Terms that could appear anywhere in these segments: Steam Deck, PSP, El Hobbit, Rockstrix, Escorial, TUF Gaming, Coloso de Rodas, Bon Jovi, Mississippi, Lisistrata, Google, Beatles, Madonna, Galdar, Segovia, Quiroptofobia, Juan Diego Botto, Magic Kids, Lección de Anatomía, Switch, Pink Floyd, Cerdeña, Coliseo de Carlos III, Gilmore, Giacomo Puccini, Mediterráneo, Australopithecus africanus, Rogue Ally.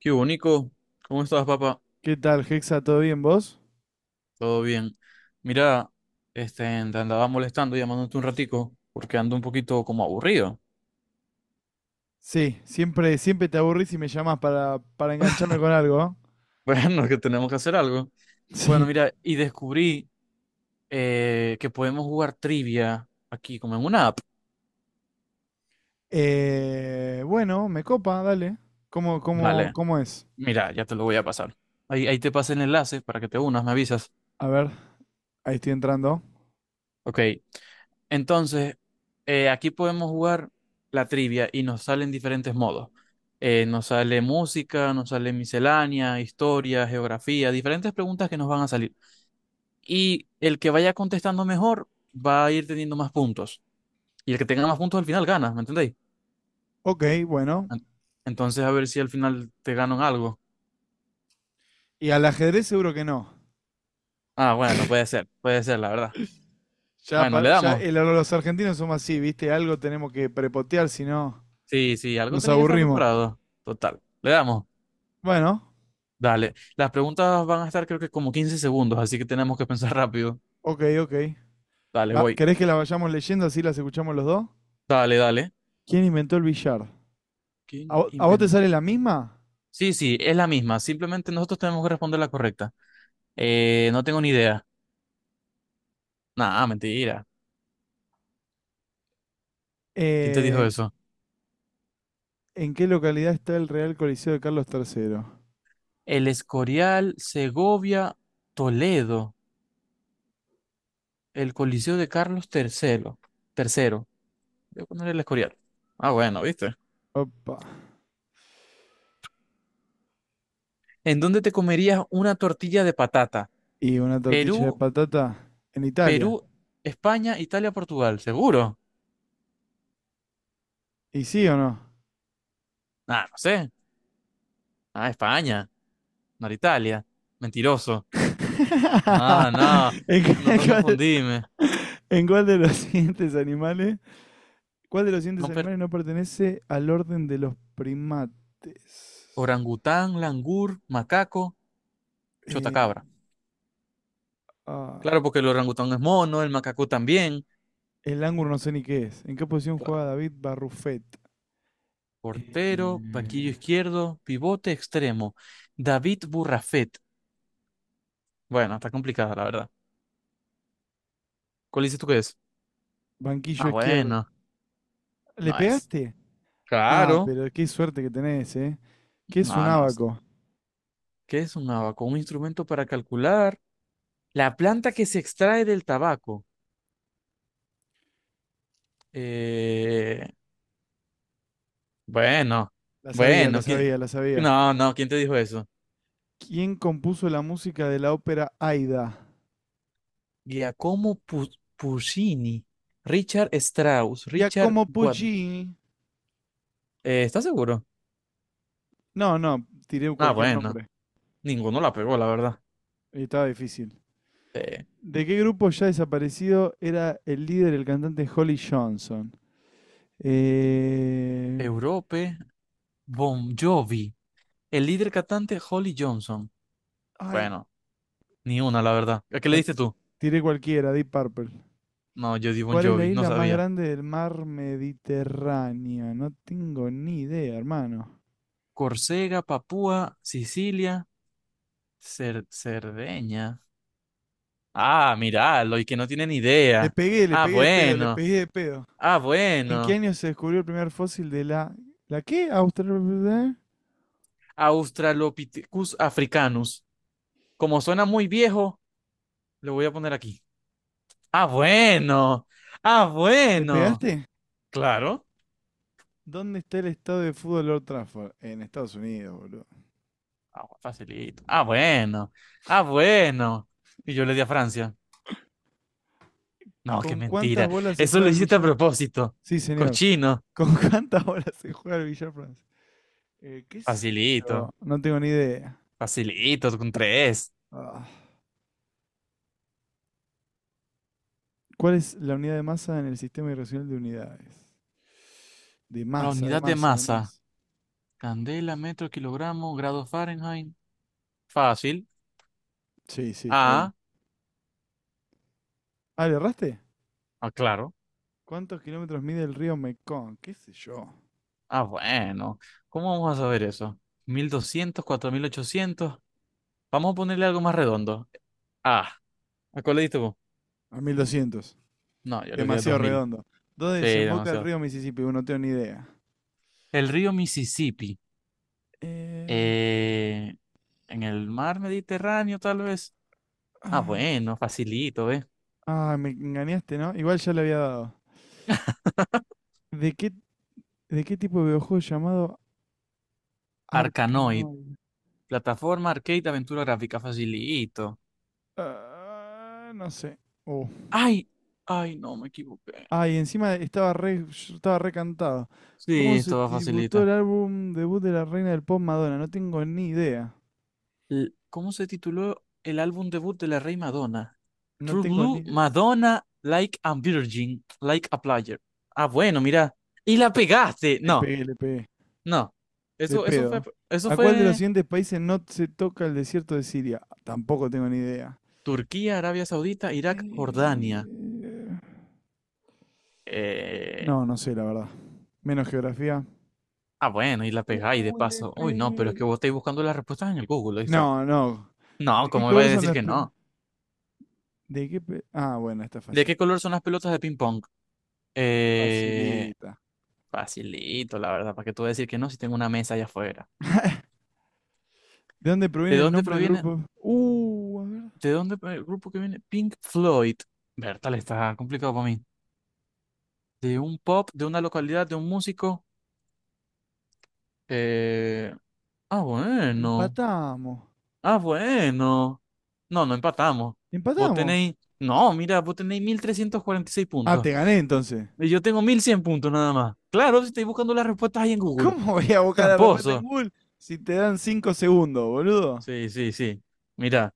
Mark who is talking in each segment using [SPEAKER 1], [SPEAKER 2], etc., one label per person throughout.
[SPEAKER 1] Qué bonito. ¿Cómo estás, papá?
[SPEAKER 2] ¿Qué tal, Hexa? ¿Todo bien vos?
[SPEAKER 1] Todo bien. Mira, te andaba molestando, llamándote un ratico, porque ando un poquito como aburrido.
[SPEAKER 2] Sí, siempre te aburrís y me llamás para engancharme con algo. ¿Eh?
[SPEAKER 1] Bueno, que tenemos que hacer algo. Bueno,
[SPEAKER 2] Sí.
[SPEAKER 1] mira, y descubrí que podemos jugar trivia aquí, como en una app.
[SPEAKER 2] Bueno, me copa, dale. ¿Cómo, cómo,
[SPEAKER 1] Dale,
[SPEAKER 2] cómo es?
[SPEAKER 1] mira, ya te lo voy a pasar. Ahí, ahí te pasé el enlace para que te unas, me avisas.
[SPEAKER 2] A ver, ahí estoy entrando.
[SPEAKER 1] Ok, entonces, aquí podemos jugar la trivia y nos salen diferentes modos. Nos sale música, nos sale miscelánea, historia, geografía, diferentes preguntas que nos van a salir. Y el que vaya contestando mejor va a ir teniendo más puntos. Y el que tenga más puntos al final gana, ¿me entendéis?
[SPEAKER 2] Ok, bueno.
[SPEAKER 1] En- Entonces, a ver si al final te ganan algo.
[SPEAKER 2] Y al ajedrez seguro que no.
[SPEAKER 1] Ah, bueno, puede ser, la verdad.
[SPEAKER 2] Ya,
[SPEAKER 1] Bueno, le
[SPEAKER 2] pa- ya
[SPEAKER 1] damos.
[SPEAKER 2] el- los argentinos somos así, ¿viste? Algo tenemos que prepotear, si no
[SPEAKER 1] Sí, sí, algo
[SPEAKER 2] nos
[SPEAKER 1] tenía que estar
[SPEAKER 2] aburrimos.
[SPEAKER 1] preparado. Total, le damos.
[SPEAKER 2] Bueno,
[SPEAKER 1] Dale, las preguntas van a estar creo que como 15 segundos, así que tenemos que pensar rápido.
[SPEAKER 2] ok, ok.
[SPEAKER 1] Dale, voy.
[SPEAKER 2] ¿Querés que la vayamos leyendo así las escuchamos los dos?
[SPEAKER 1] Dale, dale.
[SPEAKER 2] ¿Quién inventó el billar? ¿A,
[SPEAKER 1] ¿Quién
[SPEAKER 2] vo- a vos te
[SPEAKER 1] inventó?
[SPEAKER 2] sale la misma?
[SPEAKER 1] Sí, sí, es la misma. Simplemente nosotros tenemos que responder la correcta. No tengo ni idea. Nah, mentira. ¿Quién te dijo
[SPEAKER 2] Eh,
[SPEAKER 1] eso?
[SPEAKER 2] ¿En qué localidad está el Real Coliseo de Carlos III?
[SPEAKER 1] El Escorial, Segovia, Toledo, el Coliseo de Carlos III. Tercero. Voy a poner el Escorial. Ah, bueno, ¿viste?
[SPEAKER 2] Opa.
[SPEAKER 1] ¿En dónde te comerías una tortilla de patata?
[SPEAKER 2] ¿Y una tortilla de
[SPEAKER 1] Perú,
[SPEAKER 2] patata? En
[SPEAKER 1] Perú,
[SPEAKER 2] Italia.
[SPEAKER 1] España, Italia, Portugal. ¿Seguro?
[SPEAKER 2] ¿Y sí o no?
[SPEAKER 1] Ah, no sé. Ah, España, no era Italia. Mentiroso. No, no,
[SPEAKER 2] ¿En qué-
[SPEAKER 1] no,
[SPEAKER 2] en
[SPEAKER 1] no
[SPEAKER 2] cuál,
[SPEAKER 1] confundíme.
[SPEAKER 2] en cuál de los siguientes animales? ¿Cuál de los siguientes
[SPEAKER 1] No per-
[SPEAKER 2] animales no pertenece al orden de los primates?
[SPEAKER 1] Orangután, langur, macaco,
[SPEAKER 2] Eh,
[SPEAKER 1] chotacabra.
[SPEAKER 2] ah,
[SPEAKER 1] Claro, porque el orangután es mono, el macaco también.
[SPEAKER 2] el ángulo no sé ni qué es. ¿En qué posición
[SPEAKER 1] Claro.
[SPEAKER 2] juega David Barrufet? Eh,
[SPEAKER 1] Portero, banquillo izquierdo, pivote extremo. David Burrafet. Bueno, está complicada, la verdad. ¿Cuál dices tú que es?
[SPEAKER 2] banquillo
[SPEAKER 1] Ah,
[SPEAKER 2] izquierdo.
[SPEAKER 1] bueno,
[SPEAKER 2] ¿Le
[SPEAKER 1] no es.
[SPEAKER 2] pegaste? Ah,
[SPEAKER 1] Claro.
[SPEAKER 2] pero qué suerte que tenés, ¿eh? ¿Qué es un
[SPEAKER 1] No, no.
[SPEAKER 2] ábaco?
[SPEAKER 1] ¿Qué es un abaco? Un instrumento para calcular. La planta que se extrae del tabaco. Eh, Bueno,
[SPEAKER 2] La sabía, la
[SPEAKER 1] bueno, ¿quién-
[SPEAKER 2] sabía, la sabía.
[SPEAKER 1] No, no, ¿quién te dijo eso?
[SPEAKER 2] ¿Quién compuso la música de la ópera Aida?
[SPEAKER 1] Giacomo Pu- Puccini, Richard Strauss, Richard
[SPEAKER 2] Giacomo
[SPEAKER 1] Wagner.
[SPEAKER 2] Puccini.
[SPEAKER 1] ¿Estás seguro?
[SPEAKER 2] No, no, tiré
[SPEAKER 1] Ah,
[SPEAKER 2] cualquier
[SPEAKER 1] bueno,
[SPEAKER 2] nombre.
[SPEAKER 1] ninguno la pegó, la verdad.
[SPEAKER 2] Estaba difícil.
[SPEAKER 1] Eh,
[SPEAKER 2] ¿De qué grupo ya desaparecido era el líder, el cantante Holly Johnson? Eh...
[SPEAKER 1] Europe, Bon Jovi, el líder cantante Holly Johnson.
[SPEAKER 2] Ay,
[SPEAKER 1] Bueno, ni una, la verdad. ¿A qué le
[SPEAKER 2] no,
[SPEAKER 1] diste tú?
[SPEAKER 2] tiré cualquiera, Deep Purple.
[SPEAKER 1] No, yo di Bon
[SPEAKER 2] ¿Cuál es la
[SPEAKER 1] Jovi, no
[SPEAKER 2] isla más
[SPEAKER 1] sabía.
[SPEAKER 2] grande del mar Mediterráneo? No tengo ni idea, hermano.
[SPEAKER 1] Córcega, Papúa, Sicilia, Cerdeña. Ah, míralo, y que no tiene ni idea.
[SPEAKER 2] Le
[SPEAKER 1] Ah,
[SPEAKER 2] pegué de pedo, le
[SPEAKER 1] bueno.
[SPEAKER 2] pegué de pedo.
[SPEAKER 1] Ah,
[SPEAKER 2] ¿En qué
[SPEAKER 1] bueno.
[SPEAKER 2] año se descubrió el primer fósil de la... ¿La qué? ¿Australia?
[SPEAKER 1] Australopithecus africanus. Como suena muy viejo, le voy a poner aquí. Ah, bueno. Ah,
[SPEAKER 2] ¿Le
[SPEAKER 1] bueno.
[SPEAKER 2] pegaste?
[SPEAKER 1] Claro.
[SPEAKER 2] ¿Dónde está el estado de fútbol Lord Trafford? En Estados Unidos, boludo.
[SPEAKER 1] Ah, facilito. Ah, bueno. Ah, bueno. Y yo le di a Francia. No, qué
[SPEAKER 2] ¿Con cuántas
[SPEAKER 1] mentira.
[SPEAKER 2] bolas se
[SPEAKER 1] Eso
[SPEAKER 2] juega
[SPEAKER 1] lo
[SPEAKER 2] el
[SPEAKER 1] hiciste a
[SPEAKER 2] billar?
[SPEAKER 1] propósito.
[SPEAKER 2] Sí, señor.
[SPEAKER 1] Cochino.
[SPEAKER 2] ¿Con cuántas bolas se juega el billar francés? ¿Qué sé
[SPEAKER 1] Facilito.
[SPEAKER 2] yo? No tengo ni idea.
[SPEAKER 1] Facilito, con tres.
[SPEAKER 2] Ah. ¿Cuál es la unidad de masa en el sistema irracional de unidades? De
[SPEAKER 1] La
[SPEAKER 2] masa, de
[SPEAKER 1] unidad de
[SPEAKER 2] masa, de
[SPEAKER 1] masa.
[SPEAKER 2] masa.
[SPEAKER 1] Candela, metro, kilogramo, grado Fahrenheit. Fácil.
[SPEAKER 2] Sí, sí, está bien.
[SPEAKER 1] Ah,
[SPEAKER 2] Ah, ¿le erraste?
[SPEAKER 1] ah, claro.
[SPEAKER 2] ¿Cuántos kilómetros mide el río Mekong? ¿Qué sé yo?
[SPEAKER 1] Ah, bueno. ¿Cómo vamos a saber eso? 1200 4800. Vamos a ponerle algo más redondo. Ah, ¿a cuál le diste vos?
[SPEAKER 2] A 1200.
[SPEAKER 1] No, yo le di a dos
[SPEAKER 2] Demasiado
[SPEAKER 1] mil.
[SPEAKER 2] redondo. ¿Dónde
[SPEAKER 1] Sí,
[SPEAKER 2] desemboca el
[SPEAKER 1] demasiado.
[SPEAKER 2] río Mississippi? Bueno, no tengo ni idea.
[SPEAKER 1] El río Mississippi.
[SPEAKER 2] Eh,
[SPEAKER 1] Eh, en el mar Mediterráneo, tal vez. Ah, bueno, facilito, ¿eh?
[SPEAKER 2] Ah, me engañaste, ¿no? Igual ya le había dado. ¿De qué, de qué tipo de videojuego llamado
[SPEAKER 1] Arcanoid.
[SPEAKER 2] Arkanoid?
[SPEAKER 1] Plataforma, arcade, aventura gráfica, facilito.
[SPEAKER 2] Ah, no sé. Oh.
[SPEAKER 1] Ay, ay, no, me equivoqué.
[SPEAKER 2] Ah, y encima yo estaba recantado.
[SPEAKER 1] Sí,
[SPEAKER 2] ¿Cómo se
[SPEAKER 1] esto va
[SPEAKER 2] tributó
[SPEAKER 1] facilita.
[SPEAKER 2] el álbum debut de la reina del pop Madonna? No tengo ni idea.
[SPEAKER 1] ¿Cómo se tituló el álbum debut de la Rey Madonna?
[SPEAKER 2] No
[SPEAKER 1] True
[SPEAKER 2] tengo ni
[SPEAKER 1] Blue,
[SPEAKER 2] idea.
[SPEAKER 1] Madonna, Like a Virgin, Like a Player. Ah, bueno, mira. Y la pegaste.
[SPEAKER 2] Le
[SPEAKER 1] No,
[SPEAKER 2] pegué, le pegué.
[SPEAKER 1] no.
[SPEAKER 2] De
[SPEAKER 1] Eso,
[SPEAKER 2] pedo.
[SPEAKER 1] eso
[SPEAKER 2] ¿A cuál de los
[SPEAKER 1] fue
[SPEAKER 2] siguientes países no se toca el desierto de Siria? Tampoco tengo ni idea.
[SPEAKER 1] Turquía, Arabia Saudita, Irak, Jordania.
[SPEAKER 2] Eh,
[SPEAKER 1] Eh,
[SPEAKER 2] No, no sé, la verdad. Menos geografía.
[SPEAKER 1] ah, bueno, y la pegáis de
[SPEAKER 2] Uy, le
[SPEAKER 1] paso. Uy, no, pero es
[SPEAKER 2] pegué.
[SPEAKER 1] que vos estáis buscando las respuestas en el Google, dice.
[SPEAKER 2] No, no.
[SPEAKER 1] No,
[SPEAKER 2] ¿De qué
[SPEAKER 1] ¿cómo me vais
[SPEAKER 2] color
[SPEAKER 1] a
[SPEAKER 2] son
[SPEAKER 1] decir
[SPEAKER 2] las...
[SPEAKER 1] que no?
[SPEAKER 2] Ah, bueno, está
[SPEAKER 1] ¿De
[SPEAKER 2] fácil.
[SPEAKER 1] qué color son las pelotas de ping pong? Eh,
[SPEAKER 2] Facilita.
[SPEAKER 1] facilito, la verdad, ¿para qué tú vas a decir que no si tengo una mesa allá afuera?
[SPEAKER 2] ¿De dónde
[SPEAKER 1] ¿De
[SPEAKER 2] proviene el
[SPEAKER 1] dónde
[SPEAKER 2] nombre del
[SPEAKER 1] proviene?
[SPEAKER 2] grupo? A ver.
[SPEAKER 1] El grupo que viene? Pink Floyd. Bertal, está complicado para mí. De un pop, de una localidad, de un músico. Eh... Ah, bueno.
[SPEAKER 2] Empatamos.
[SPEAKER 1] Ah, bueno. No, no empatamos. Vos
[SPEAKER 2] Empatamos.
[SPEAKER 1] tenéis. No, mira, vos tenéis 1346
[SPEAKER 2] Ah,
[SPEAKER 1] puntos.
[SPEAKER 2] te gané entonces.
[SPEAKER 1] Y yo tengo 1100 puntos nada más. Claro, si estáis buscando las respuestas ahí en Google.
[SPEAKER 2] ¿Cómo voy a buscar la respuesta en
[SPEAKER 1] Tramposo.
[SPEAKER 2] Google si te dan 5 segundos, boludo?
[SPEAKER 1] Sí, sí, sí. Mira,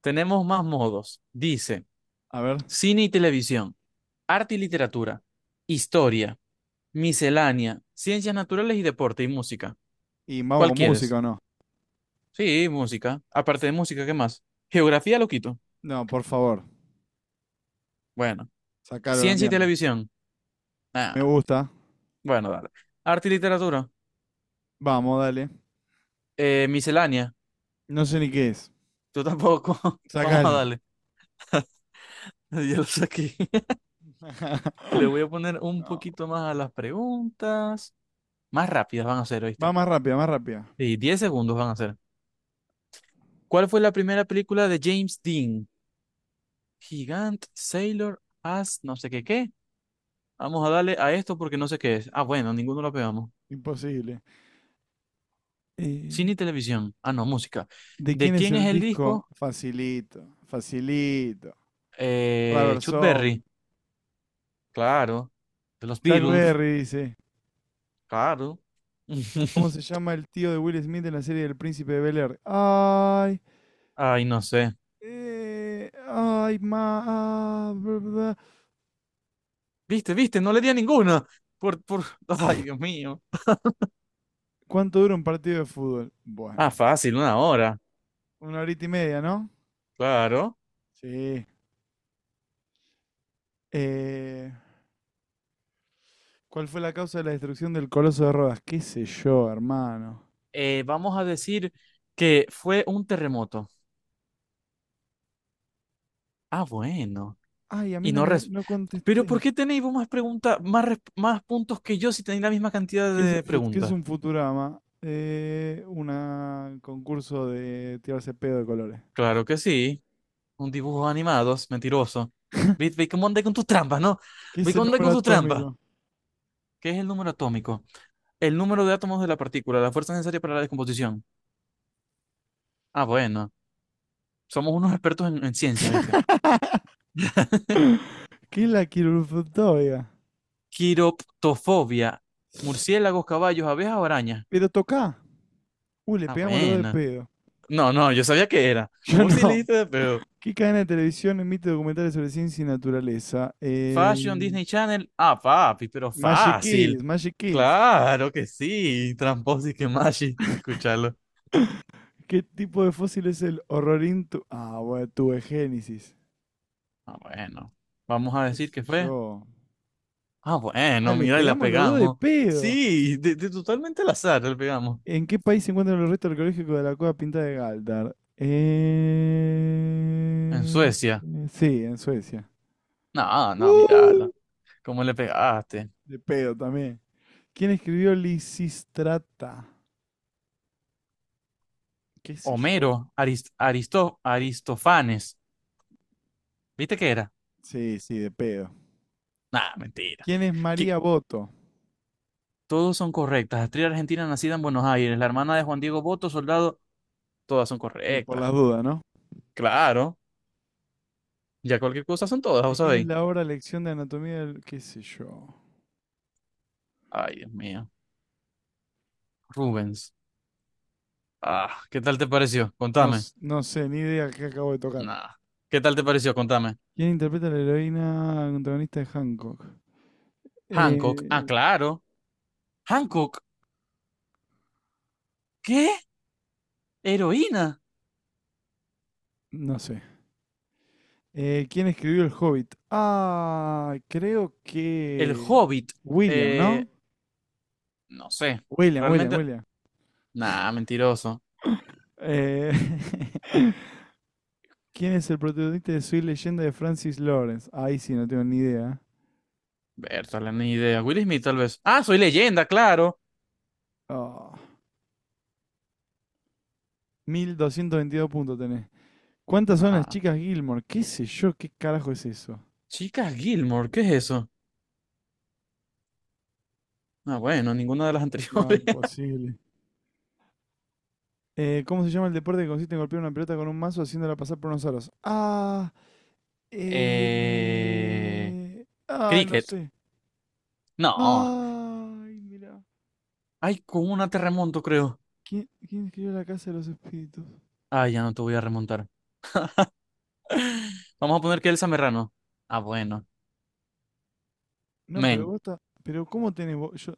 [SPEAKER 1] tenemos más modos. Dice:
[SPEAKER 2] A ver.
[SPEAKER 1] cine y televisión, arte y literatura, historia, miscelánea, ciencias naturales y deporte y música.
[SPEAKER 2] ¿Y mago
[SPEAKER 1] ¿Cuál
[SPEAKER 2] con música
[SPEAKER 1] quieres?
[SPEAKER 2] o no?
[SPEAKER 1] Sí, música. Aparte de música, ¿qué más? Geografía lo quito.
[SPEAKER 2] No, por favor,
[SPEAKER 1] Bueno.
[SPEAKER 2] sacalo a la
[SPEAKER 1] Ciencia y
[SPEAKER 2] mierda.
[SPEAKER 1] televisión.
[SPEAKER 2] Me
[SPEAKER 1] Ah,
[SPEAKER 2] gusta.
[SPEAKER 1] bueno, dale. Arte y literatura.
[SPEAKER 2] Vamos, dale.
[SPEAKER 1] Miscelánea.
[SPEAKER 2] No sé ni qué es.
[SPEAKER 1] Tú tampoco. Vamos a
[SPEAKER 2] Sacalo.
[SPEAKER 1] darle. Ya lo saqué. Le voy a poner un
[SPEAKER 2] No,
[SPEAKER 1] poquito más a las preguntas. Más rápidas van a ser,
[SPEAKER 2] va
[SPEAKER 1] ¿oíste?
[SPEAKER 2] más rápida, más rápida.
[SPEAKER 1] Sí, 10 segundos van a ser. ¿Cuál fue la primera película de James Dean? Gigant, Sailor, As, no sé qué qué. Vamos a darle a esto porque no sé qué es. Ah, bueno, ninguno lo pegamos.
[SPEAKER 2] Imposible. Eh,
[SPEAKER 1] Cine y televisión. Ah, no, música.
[SPEAKER 2] ¿De quién
[SPEAKER 1] ¿De
[SPEAKER 2] es
[SPEAKER 1] quién es
[SPEAKER 2] el
[SPEAKER 1] el
[SPEAKER 2] disco?
[SPEAKER 1] disco?
[SPEAKER 2] Facilito, facilito. Rubber
[SPEAKER 1] Chuck
[SPEAKER 2] Soul.
[SPEAKER 1] Berry. Claro. De los
[SPEAKER 2] Chuck
[SPEAKER 1] Beatles.
[SPEAKER 2] Berry dice.
[SPEAKER 1] Claro.
[SPEAKER 2] ¿Cómo se llama el tío de Will Smith en la serie del Príncipe de Bel-Air? Ay,
[SPEAKER 1] Ay, no sé.
[SPEAKER 2] ay, ma, bla, bla.
[SPEAKER 1] Viste, viste, no le di a ninguna. Por... Ay, Dios mío.
[SPEAKER 2] ¿Cuánto dura un partido de fútbol? Bueno,
[SPEAKER 1] Ah, fácil, una hora.
[SPEAKER 2] una horita y media, ¿no?
[SPEAKER 1] Claro.
[SPEAKER 2] Sí. Eh, ¿Cuál fue la causa de la destrucción del Coloso de Rodas? ¿Qué sé yo, hermano?
[SPEAKER 1] Vamos a decir que fue un terremoto. Ah, bueno.
[SPEAKER 2] Ay, a mí
[SPEAKER 1] Y
[SPEAKER 2] no
[SPEAKER 1] no
[SPEAKER 2] me
[SPEAKER 1] res...
[SPEAKER 2] no
[SPEAKER 1] Pero ¿por
[SPEAKER 2] contesté.
[SPEAKER 1] qué tenéis vos más preguntas, más, más puntos que yo si tenéis la misma cantidad
[SPEAKER 2] ¿Qué es, el
[SPEAKER 1] de
[SPEAKER 2] fut- qué es
[SPEAKER 1] preguntas?
[SPEAKER 2] un Futurama? Un concurso de tirarse pedo de colores.
[SPEAKER 1] Claro que sí. Un dibujo animado, es mentiroso. Ve, ve cómo anda con tus trampas, ¿no?
[SPEAKER 2] ¿Qué
[SPEAKER 1] Ve
[SPEAKER 2] es el
[SPEAKER 1] cómo anda
[SPEAKER 2] número
[SPEAKER 1] con tus trampas.
[SPEAKER 2] atómico?
[SPEAKER 1] ¿Qué es el número atómico? El número de átomos de la partícula, la fuerza necesaria para la descomposición. Ah, bueno. Somos unos expertos en ciencias, ¿viste?
[SPEAKER 2] ¿Qué es la quirúrgica?
[SPEAKER 1] Quiroptofobia. Murciélagos, caballos, abejas, o arañas.
[SPEAKER 2] Pero toca. Uy, le
[SPEAKER 1] Ah,
[SPEAKER 2] pegamos los dos de
[SPEAKER 1] bueno.
[SPEAKER 2] pedo.
[SPEAKER 1] No, no, yo sabía que era.
[SPEAKER 2] Yo
[SPEAKER 1] Vos sí le
[SPEAKER 2] no.
[SPEAKER 1] diste de pedo.
[SPEAKER 2] ¿Qué cadena de televisión emite documentales sobre ciencia y naturaleza?
[SPEAKER 1] Fashion, Disney Channel. Ah, papi, pero
[SPEAKER 2] Magic
[SPEAKER 1] fácil.
[SPEAKER 2] Kids, Magic Kids.
[SPEAKER 1] Claro que sí. Tramposis que machi. Escucharlo.
[SPEAKER 2] ¿Qué tipo de fósil es el horrorintu? Ah, bueno, tuve.
[SPEAKER 1] Ah, bueno. Vamos a
[SPEAKER 2] ¿Qué
[SPEAKER 1] decir que
[SPEAKER 2] sé
[SPEAKER 1] fue.
[SPEAKER 2] yo?
[SPEAKER 1] Ah,
[SPEAKER 2] Ah,
[SPEAKER 1] bueno,
[SPEAKER 2] les
[SPEAKER 1] mira, y la
[SPEAKER 2] pegamos los dos de
[SPEAKER 1] pegamos.
[SPEAKER 2] pedo.
[SPEAKER 1] Sí, de totalmente al azar la pegamos.
[SPEAKER 2] ¿En qué país se encuentran los restos arqueológicos de la cueva pintada de Galdar?
[SPEAKER 1] En Suecia.
[SPEAKER 2] Sí, en Suecia.
[SPEAKER 1] No, no, mírala.
[SPEAKER 2] ¡Uh!
[SPEAKER 1] ¿Cómo le pegaste?
[SPEAKER 2] De pedo también. ¿Quién escribió Lisistrata? ¿Qué sé yo?
[SPEAKER 1] Homero, Aristofanes. ¿Viste qué era?
[SPEAKER 2] Sí, sí, de pedo.
[SPEAKER 1] Nah, mentira.
[SPEAKER 2] ¿Quién es
[SPEAKER 1] Que
[SPEAKER 2] María Boto?
[SPEAKER 1] todos son correctas. Actriz argentina nacida en Buenos Aires, la hermana de Juan Diego Botto, soldado, todas son
[SPEAKER 2] Y por
[SPEAKER 1] correctas.
[SPEAKER 2] las dudas, ¿no?
[SPEAKER 1] Claro, ya cualquier cosa son todas,
[SPEAKER 2] ¿De
[SPEAKER 1] ¿vos
[SPEAKER 2] quién es
[SPEAKER 1] sabéis?
[SPEAKER 2] la obra Lección de Anatomía del... qué sé yo?
[SPEAKER 1] Ay, Dios mío. Rubens. Ah, ¿qué tal te pareció?
[SPEAKER 2] No,
[SPEAKER 1] Contame.
[SPEAKER 2] no sé, ni idea qué acabo de tocar.
[SPEAKER 1] Nada. ¿Qué tal te pareció? Contame.
[SPEAKER 2] ¿Quién interpreta a la heroína antagonista de Hancock?
[SPEAKER 1] Hancock. Ah,
[SPEAKER 2] Eh,
[SPEAKER 1] claro. Hancock. ¿Qué? Heroína.
[SPEAKER 2] no sé. ¿Quién escribió El Hobbit? Ah, creo
[SPEAKER 1] El
[SPEAKER 2] que
[SPEAKER 1] Hobbit.
[SPEAKER 2] William,
[SPEAKER 1] Eh,
[SPEAKER 2] ¿no?
[SPEAKER 1] no sé.
[SPEAKER 2] William, William,
[SPEAKER 1] Realmente.
[SPEAKER 2] William.
[SPEAKER 1] Nah, mentiroso.
[SPEAKER 2] Eh, ¿Quién es el protagonista de Soy Leyenda de Francis Lawrence? Ahí sí, no tengo ni idea.
[SPEAKER 1] Bertale, ni idea. Will Smith, tal vez. Ah, soy leyenda, claro.
[SPEAKER 2] Ah, 1222 puntos tenés. ¿Cuántas son las
[SPEAKER 1] Ajá.
[SPEAKER 2] chicas Gilmore? ¿Qué sé yo? ¿Qué carajo es eso?
[SPEAKER 1] Chicas Gilmore, ¿qué es eso? Ah, bueno, ninguna de las
[SPEAKER 2] No,
[SPEAKER 1] anteriores.
[SPEAKER 2] imposible. ¿Cómo se llama el deporte que consiste en golpear una pelota con un mazo haciéndola pasar por unos aros? Ah,
[SPEAKER 1] Eh,
[SPEAKER 2] ay, no
[SPEAKER 1] cricket.
[SPEAKER 2] sé.
[SPEAKER 1] No.
[SPEAKER 2] Ay, mira.
[SPEAKER 1] Ay, con una te remonto, creo.
[SPEAKER 2] ¿Quién escribió La Casa de los Espíritus?
[SPEAKER 1] Ay, ya no te voy a remontar. Vamos a poner que Elsa Merrano. Ah, bueno.
[SPEAKER 2] No, pero
[SPEAKER 1] Men.
[SPEAKER 2] vos está, pero yo,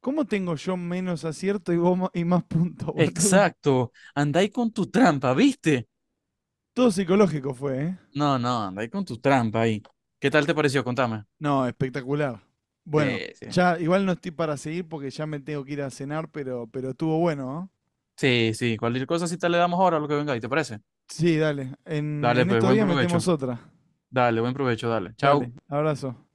[SPEAKER 2] cómo tengo yo menos acierto y vos y más puntos, boludo?
[SPEAKER 1] Exacto, andáis con tu trampa, ¿viste?
[SPEAKER 2] Todo psicológico fue, ¿eh?
[SPEAKER 1] No, no, andáis con tu trampa ahí. ¿Qué tal te pareció? Contame.
[SPEAKER 2] No, espectacular. Bueno,
[SPEAKER 1] Sí, sí.
[SPEAKER 2] ya igual no estoy para seguir porque ya me tengo que ir a cenar, pero estuvo bueno, ¿no?
[SPEAKER 1] Sí, sí, cualquier cosa si te le damos ahora a lo que venga ahí, ¿te parece?
[SPEAKER 2] Sí, dale. En,
[SPEAKER 1] Dale,
[SPEAKER 2] en
[SPEAKER 1] pues,
[SPEAKER 2] estos
[SPEAKER 1] buen
[SPEAKER 2] días
[SPEAKER 1] provecho.
[SPEAKER 2] metemos otra.
[SPEAKER 1] Dale, buen provecho, dale.
[SPEAKER 2] Dale,
[SPEAKER 1] Chao.
[SPEAKER 2] abrazo.